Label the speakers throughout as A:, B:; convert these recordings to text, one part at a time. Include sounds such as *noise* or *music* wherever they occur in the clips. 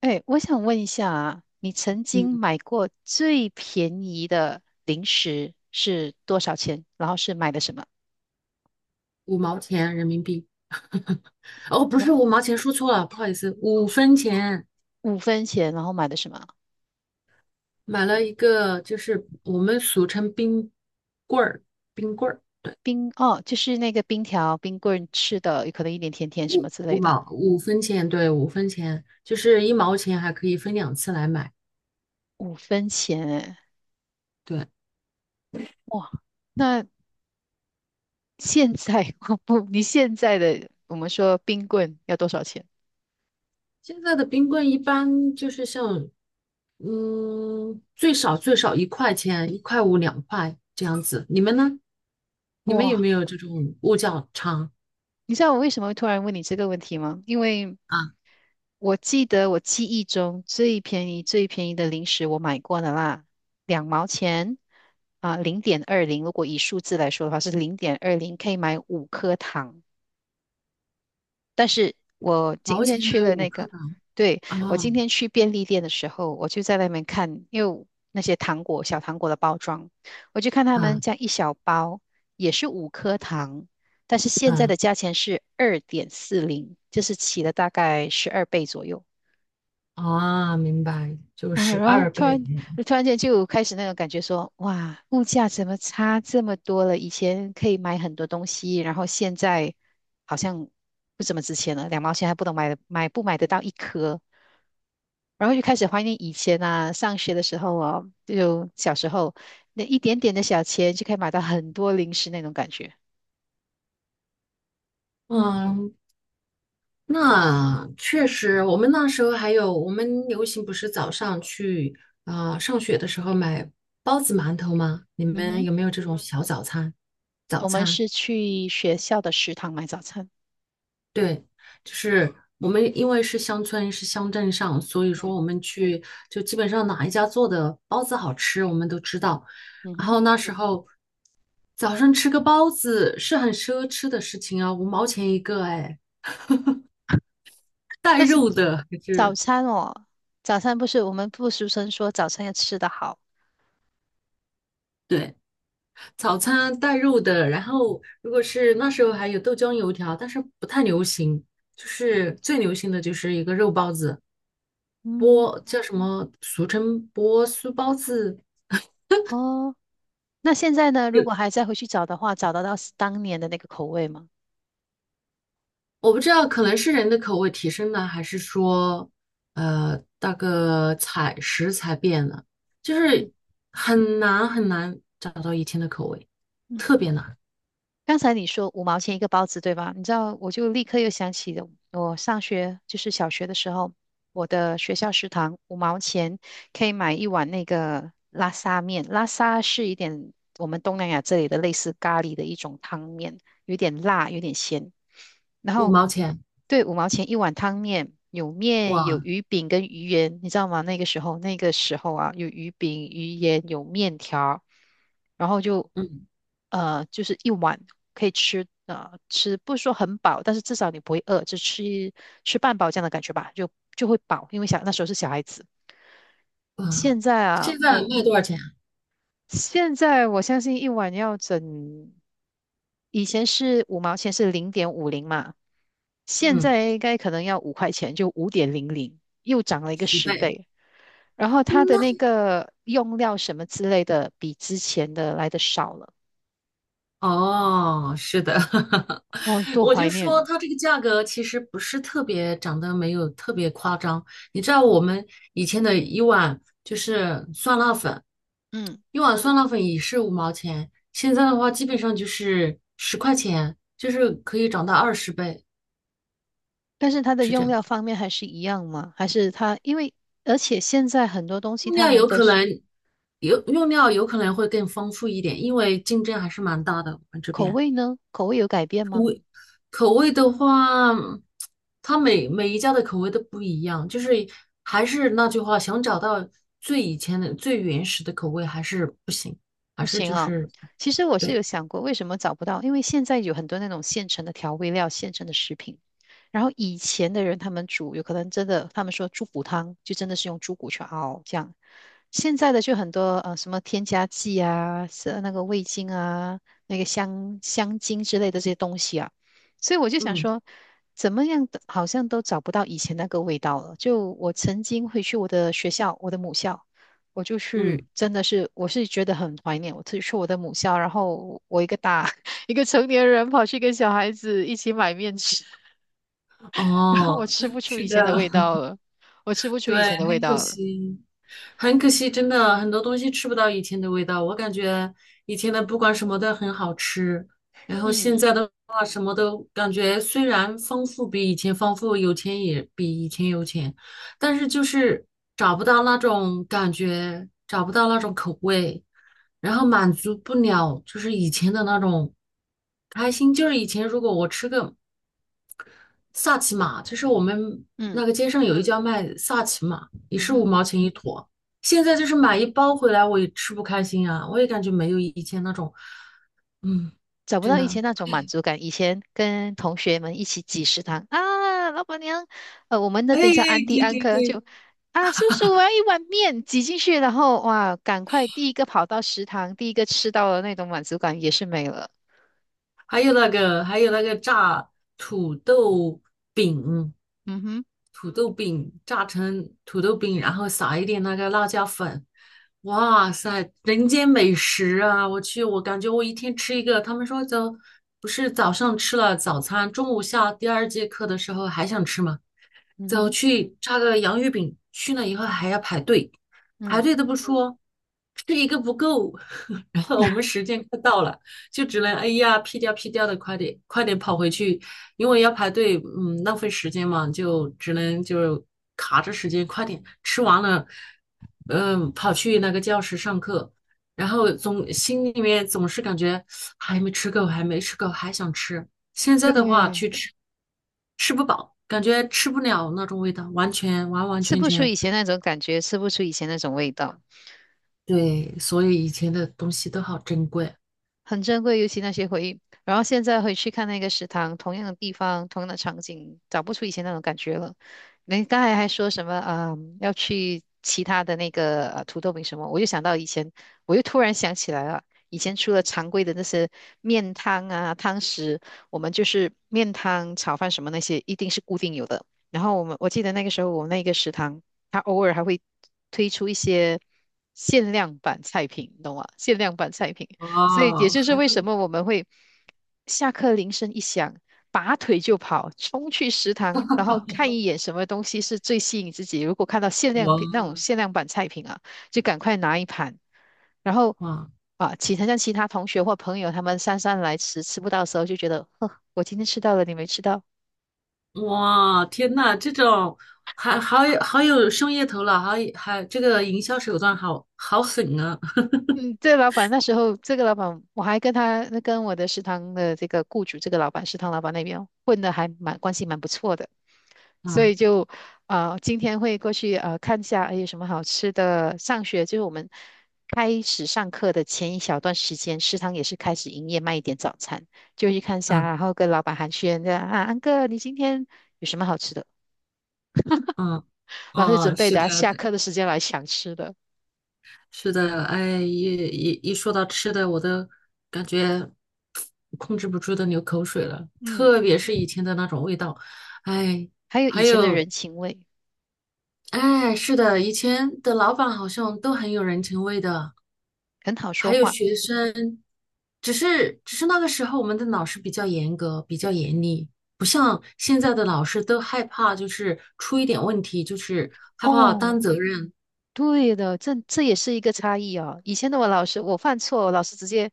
A: 哎，我想问一下啊，你曾经
B: 嗯，
A: 买过最便宜的零食是多少钱？然后是买的什么？
B: 五毛钱人民币。*laughs* 哦，不是
A: 不
B: 五毛钱，说错了，不好意思，五
A: 是
B: 分钱
A: 五分钱，然后买的什么？
B: 买了一个，就是我们俗称冰棍儿，冰棍儿，
A: 冰，哦，就是那个冰条、冰棍吃的，有可能一点甜甜什么之类的。
B: 五分钱，对，五分钱，就是一毛钱还可以分两次来买。
A: 五分钱，哎，
B: 对，
A: 哇，那现在 *laughs* 我不，你现在的我们说冰棍要多少钱？
B: 现在的冰棍一般就是像，最少最少一块钱，一块五、两块这样子。你们呢？你们有
A: 哇，
B: 没有这种物价差
A: 你知道我为什么会突然问你这个问题吗？因为
B: 啊？
A: 我记忆中最便宜、最便宜的零食我买过的啦，两毛钱啊，零点二零。如果以数字来说的话，是零点二零，可以买五颗糖。但是我今
B: 毛
A: 天
B: 钱
A: 去
B: 买
A: 了
B: 五
A: 那
B: 克
A: 个，
B: 港
A: 对，我
B: 啊？
A: 今天去便利店的时候，我就在外面看，因为那些糖果、小糖果的包装，我就看他们
B: 嗯
A: 这样一小包也是五颗糖，但是现在
B: 嗯，
A: 的价钱是2.40，就是起了大概12倍左右。
B: 啊，明白，就
A: 啊，
B: 是
A: 然后
B: 二倍。
A: 突然间就开始那种感觉说，哇，物价怎么差这么多了？以前可以买很多东西，然后现在好像不怎么值钱了，两毛钱还不能买得买不买得到一颗。然后就开始怀念以前啊，上学的时候哦，就小时候那一点点的小钱就可以买到很多零食那种感觉。
B: 嗯，那确实，我们那时候还有，我们流行不是早上去上学的时候买包子、馒头吗？你
A: 嗯
B: 们
A: 哼，
B: 有没有这种小早餐？早
A: 我们
B: 餐？
A: 是去学校的食堂买早餐。
B: 对，就是我们因为是乡村，是乡镇上，所以说我
A: 嗯
B: 们去就基本上哪一家做的包子好吃，我们都知道。
A: 嗯
B: 然
A: 哼。
B: 后那时候早上吃个包子是很奢侈的事情啊，五毛钱一个，哎，带肉的还
A: 早
B: 是，
A: 餐哦，早餐不是我们不俗称说早餐要吃得好，
B: 对，早餐带肉的。然后如果是那时候还有豆浆油条，但是不太流行，就是最流行的就是一个肉包子，
A: 嗯，
B: 波叫什么，俗称波酥包子。
A: 哦，那现在呢？如果还再回去找的话，找得到是当年的那个口味吗？
B: 我不知道，可能是人的口味提升呢，还是说，那个采食材变了，就
A: 嗯
B: 是很难很难找到以前的口味，
A: 嗯，
B: 特别难，
A: 刚才你说五毛钱一个包子，对吧？你知道，我就立刻又想起了我上学，就是小学的时候，我的学校食堂五毛钱，可以买一碗那个拉沙面。拉沙是一点我们东南亚这里的类似咖喱的一种汤面，有点辣，有点咸。然
B: 五
A: 后
B: 毛钱，
A: 对，五毛钱一碗汤面，有面有
B: 哇，
A: 鱼饼跟鱼圆，你知道吗？那个时候啊，有鱼饼、鱼圆，有面条，然后就
B: 嗯
A: 就是一碗可以吃。啊吃不是说很饱，但是至少你不会饿，就吃吃半饱这样的感觉吧，就会饱，因为那时候是小孩子。
B: 嗯，
A: 现在啊，
B: 现在卖多少钱啊？
A: 现在我相信一碗以前是五毛钱是0.50嘛，现
B: 嗯，
A: 在应该可能要5块钱，就5.00，又涨了一个
B: 十
A: 十
B: 倍。
A: 倍。然后它的
B: 那，
A: 那个用料什么之类的，比之前的来的少了，
B: 哦，是的，*laughs*
A: 哇，多
B: 我
A: 怀
B: 就说
A: 念。
B: 它这个价格其实不是特别涨得，没有特别夸张。你知道我们以前的一碗就是酸辣粉。
A: 嗯，
B: 一碗酸辣粉也是五毛钱，现在的话基本上就是10块钱，就是可以涨到20倍，
A: 但是它的
B: 是这
A: 用
B: 样。
A: 料方面还是一样吗？还是它因为而且现在很多东西
B: 用
A: 他
B: 料
A: 们
B: 有
A: 都
B: 可
A: 是
B: 能，有用料有可能会更丰富一点，因为竞争还是蛮大的。我们这
A: 口
B: 边
A: 味呢？口味有改变吗？
B: 口味的话，它每一家的口味都不一样，就是还是那句话，想找到最以前的最原始的口味还是不行，还
A: 不
B: 是
A: 行
B: 就
A: 啊，
B: 是，
A: 其实我是有
B: 对，
A: 想过，为什么找不到？因为现在有很多那种现成的调味料、现成的食品。然后以前的人他们煮，有可能真的，他们说猪骨汤就真的是用猪骨去熬这样。现在的就很多什么添加剂啊，是那个味精啊，那个香精之类的这些东西啊。所以我就想
B: 嗯
A: 说，怎么样的好像都找不到以前那个味道了。就我曾经回去我的学校，我的母校。我就去，
B: 嗯，
A: 真的是，我是觉得很怀念我自己去我的母校，然后我一个大 *laughs* 一个成年人跑去跟小孩子一起买面吃，*laughs* 然后我
B: 哦，
A: 吃不
B: *laughs*
A: 出
B: 是
A: 以前的
B: 的。
A: 味道了，我吃不出以
B: 对，
A: 前的味
B: 很可
A: 道了，
B: 惜，很可惜，真的很多东西吃不到以前的味道。我感觉以前的不管什么都很好吃，然后现
A: 嗯
B: 在的话什么都感觉虽然丰富比以前丰富，有钱也比以前有钱，但是就是找不到那种感觉，找不到那种口味，然后满足不了就是以前的那种开心。就是以前如果我吃个萨琪玛，就是我们
A: 嗯
B: 那个街上有一家卖萨琪玛，也
A: 嗯
B: 是五
A: 哼，
B: 毛钱一坨。现在就是买一包回来，我也吃不开心啊，我也感觉没有以前那种，嗯，
A: 找不
B: 真
A: 到以
B: 的。
A: 前那种满足感，以前跟同学们一起挤食堂啊，老板娘，我们那
B: 哎哎，
A: 边叫安迪
B: 对
A: 安
B: 对
A: 科
B: 对，
A: 就。啊，叔叔，我要一碗面，挤进去，然后哇，赶快第一个跑到食堂，第一个吃到了那种满足感也是没了。
B: 还有那个炸土豆饼，
A: 嗯哼。
B: 土豆饼炸成土豆饼，然后撒一点那个辣椒粉，哇塞，人间美食啊！我去，我感觉我一天吃一个。他们说不是早上吃了早餐，中午下第二节课的时候还想吃吗？
A: 嗯
B: 走
A: 哼，
B: 去差个洋芋饼，去了以后还要排队，排
A: 嗯，
B: 队都不说，吃一个不够，*laughs* 然后我们
A: *laughs*
B: 时间快到了，就只能哎呀屁颠屁颠的快点快点跑回去，因为要排队，浪费时间嘛，就只能就卡着时间快点吃完了，嗯，跑去那个教室上课。然后心里面总是感觉还没吃够，还没吃够，还想吃，现在的话去
A: 对，
B: 吃不饱，感觉吃不了那种味道，完完
A: 吃
B: 全
A: 不出
B: 全，
A: 以前那种感觉，吃不出以前那种味道。
B: 对，所以以前的东西都好珍贵，
A: 很珍贵，尤其那些回忆。然后现在回去看那个食堂，同样的地方，同样的场景，找不出以前那种感觉了。您刚才还说什么啊、要去其他的那个土豆饼什么，我就想到以前，我又突然想起来了，以前除了常规的那些面汤啊、汤食，我们就是面汤、炒饭什么那些，一定是固定有的。然后我记得那个时候，我们那个食堂，它偶尔还会推出一些限量版菜品，你懂吗？限量版菜品。所以也
B: 哦，
A: 就是
B: 还
A: 为
B: 会，
A: 什么我们会下课铃声一响，拔腿就跑，冲去食堂，然后看一眼什么东西是最吸引自己。如果看到限量品那种
B: 我，
A: 限量版菜品啊，就赶快拿一盘。然后
B: 哇，
A: 啊，其他同学或朋友他们姗姗来迟，吃不到的时候就觉得，呵，我今天吃到了，你没吃到。
B: 哇！天呐，这种，还好有商业头脑，还有，这个营销手段好好狠啊！
A: 嗯，这老板那时候，这个老板我还跟我的食堂的这个雇主，这个老板食堂老板那边混的还蛮关系蛮不错的。
B: *laughs*
A: 所
B: 嗯
A: 以就今天会过去看一下，哎，有什么好吃的？上学就是我们开始上课的前一小段时间，食堂也是开始营业卖一点早餐，就去看一下，
B: 嗯
A: 然后跟老板寒暄这样啊，安哥，你今天有什么好吃的？
B: 嗯，
A: 然后就准
B: 哦，
A: 备
B: 是
A: 等下
B: 的，
A: 下课的时间来想吃的。
B: 是的，哎，一说到吃的，我都感觉控制不住的流口水了，
A: 嗯，
B: 特别是以前的那种味道，哎，
A: 还有以
B: 还
A: 前的
B: 有，
A: 人情味，
B: 哎，是的，以前的老板好像都很有人情味的，
A: 很好说
B: 还有
A: 话。
B: 学生，只是那个时候我们的老师比较严格，比较严厉，不像现在的老师都害怕，就是出一点问题，就是害怕
A: 哦，
B: 担责任，
A: 对的，这也是一个差异哦。以前的我老师，我犯错，我老师直接，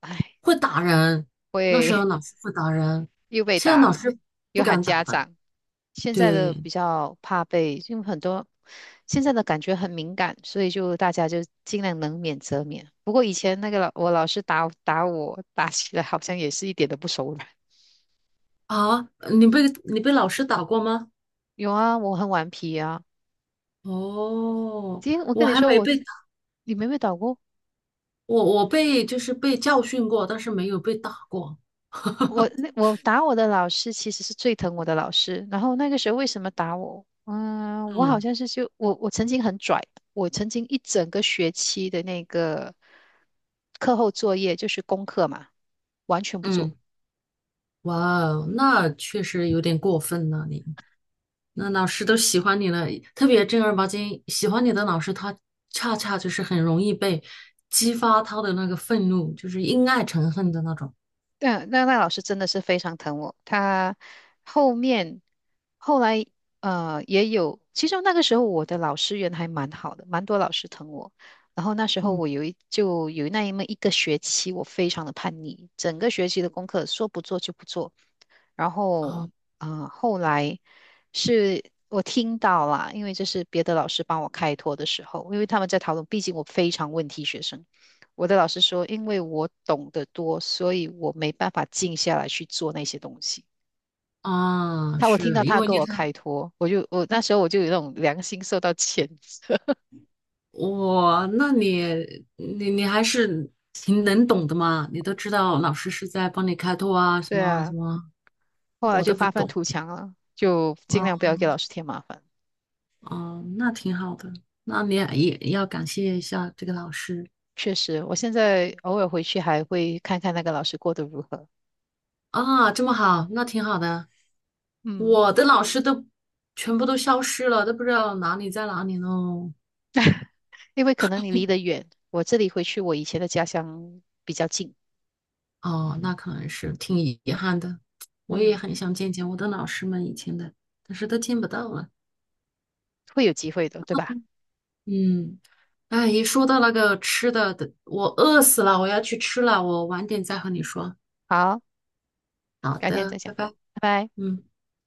A: 哎，
B: 会打人，那时候
A: 会
B: 老师会打人，
A: 又被
B: 现在老
A: 打，
B: 师不
A: 又喊
B: 敢打
A: 家
B: 的。
A: 长。现在的
B: 对
A: 比较怕被，因为很多现在的感觉很敏感，所以就大家就尽量能免则免。不过以前那个我老师打我，打起来好像也是一点都不手软。
B: 啊，你被老师打过吗？
A: 有啊，我很顽皮啊。
B: 哦，
A: 今天我
B: 我
A: 跟你
B: 还
A: 说
B: 没
A: 我，
B: 被打，
A: 你没被打过？
B: 我被就是被教训过，但是没有被打过。*laughs*
A: 我打我的老师其实是最疼我的老师，然后那个时候为什么打我？嗯，我好
B: 嗯
A: 像是就我曾经很拽，我曾经一整个学期的那个课后作业就是功课嘛，完全不做。
B: 嗯，哇哦，那确实有点过分了你。那老师都喜欢你了，特别正儿八经喜欢你的老师，他恰恰就是很容易被激发他的那个愤怒，就是因爱成恨的那种。
A: 对啊，那老师真的是非常疼我，他后面后来也有，其实那个时候我的老师缘还蛮好的，蛮多老师疼我。然后那时候
B: 嗯。
A: 我就有那么一个学期，我非常的叛逆，整个学期的功课说不做就不做，然后
B: 哦，
A: 后来是我听到啦，因为这是别的老师帮我开脱的时候，因为他们在讨论，毕竟我非常问题学生，我的老师说，因为我懂得多，所以我没办法静下来去做那些东西。
B: 啊，
A: 我听到
B: 是因
A: 他
B: 为
A: 跟
B: 你
A: 我
B: 看
A: 开脱，我那时候我就有那种良心受到谴责，*laughs*
B: 我，那你还是挺能懂的嘛，你都知道老师是在帮你开拓啊，什
A: 对
B: 么什
A: 啊，
B: 么，
A: 后来
B: 我
A: 就
B: 都不
A: 发愤
B: 懂
A: 图强了，就尽
B: 啊，
A: 量不要给老师添麻烦。
B: 哦，那挺好的，那你也要感谢一下这个老师
A: 确实，我现在偶尔回去还会看看那个老师过得如何。
B: 啊，这么好，那挺好的。
A: 嗯。
B: 我的老师都全部都消失了，都不知道哪里在哪里喽。
A: 因为可能你离得远，我这里回去我以前的家乡比较近，
B: 哦，那可能是挺遗憾的。我也
A: 嗯，
B: 很想见见我的老师们以前的，但是都见不到了。
A: 会有机会的，对吧？
B: 嗯，哎，一说到那个吃的，我饿死了，我要去吃了，我晚点再和你说。
A: 好，
B: 好
A: 改天再
B: 的，
A: 讲，
B: 拜拜。
A: 拜拜。
B: 嗯。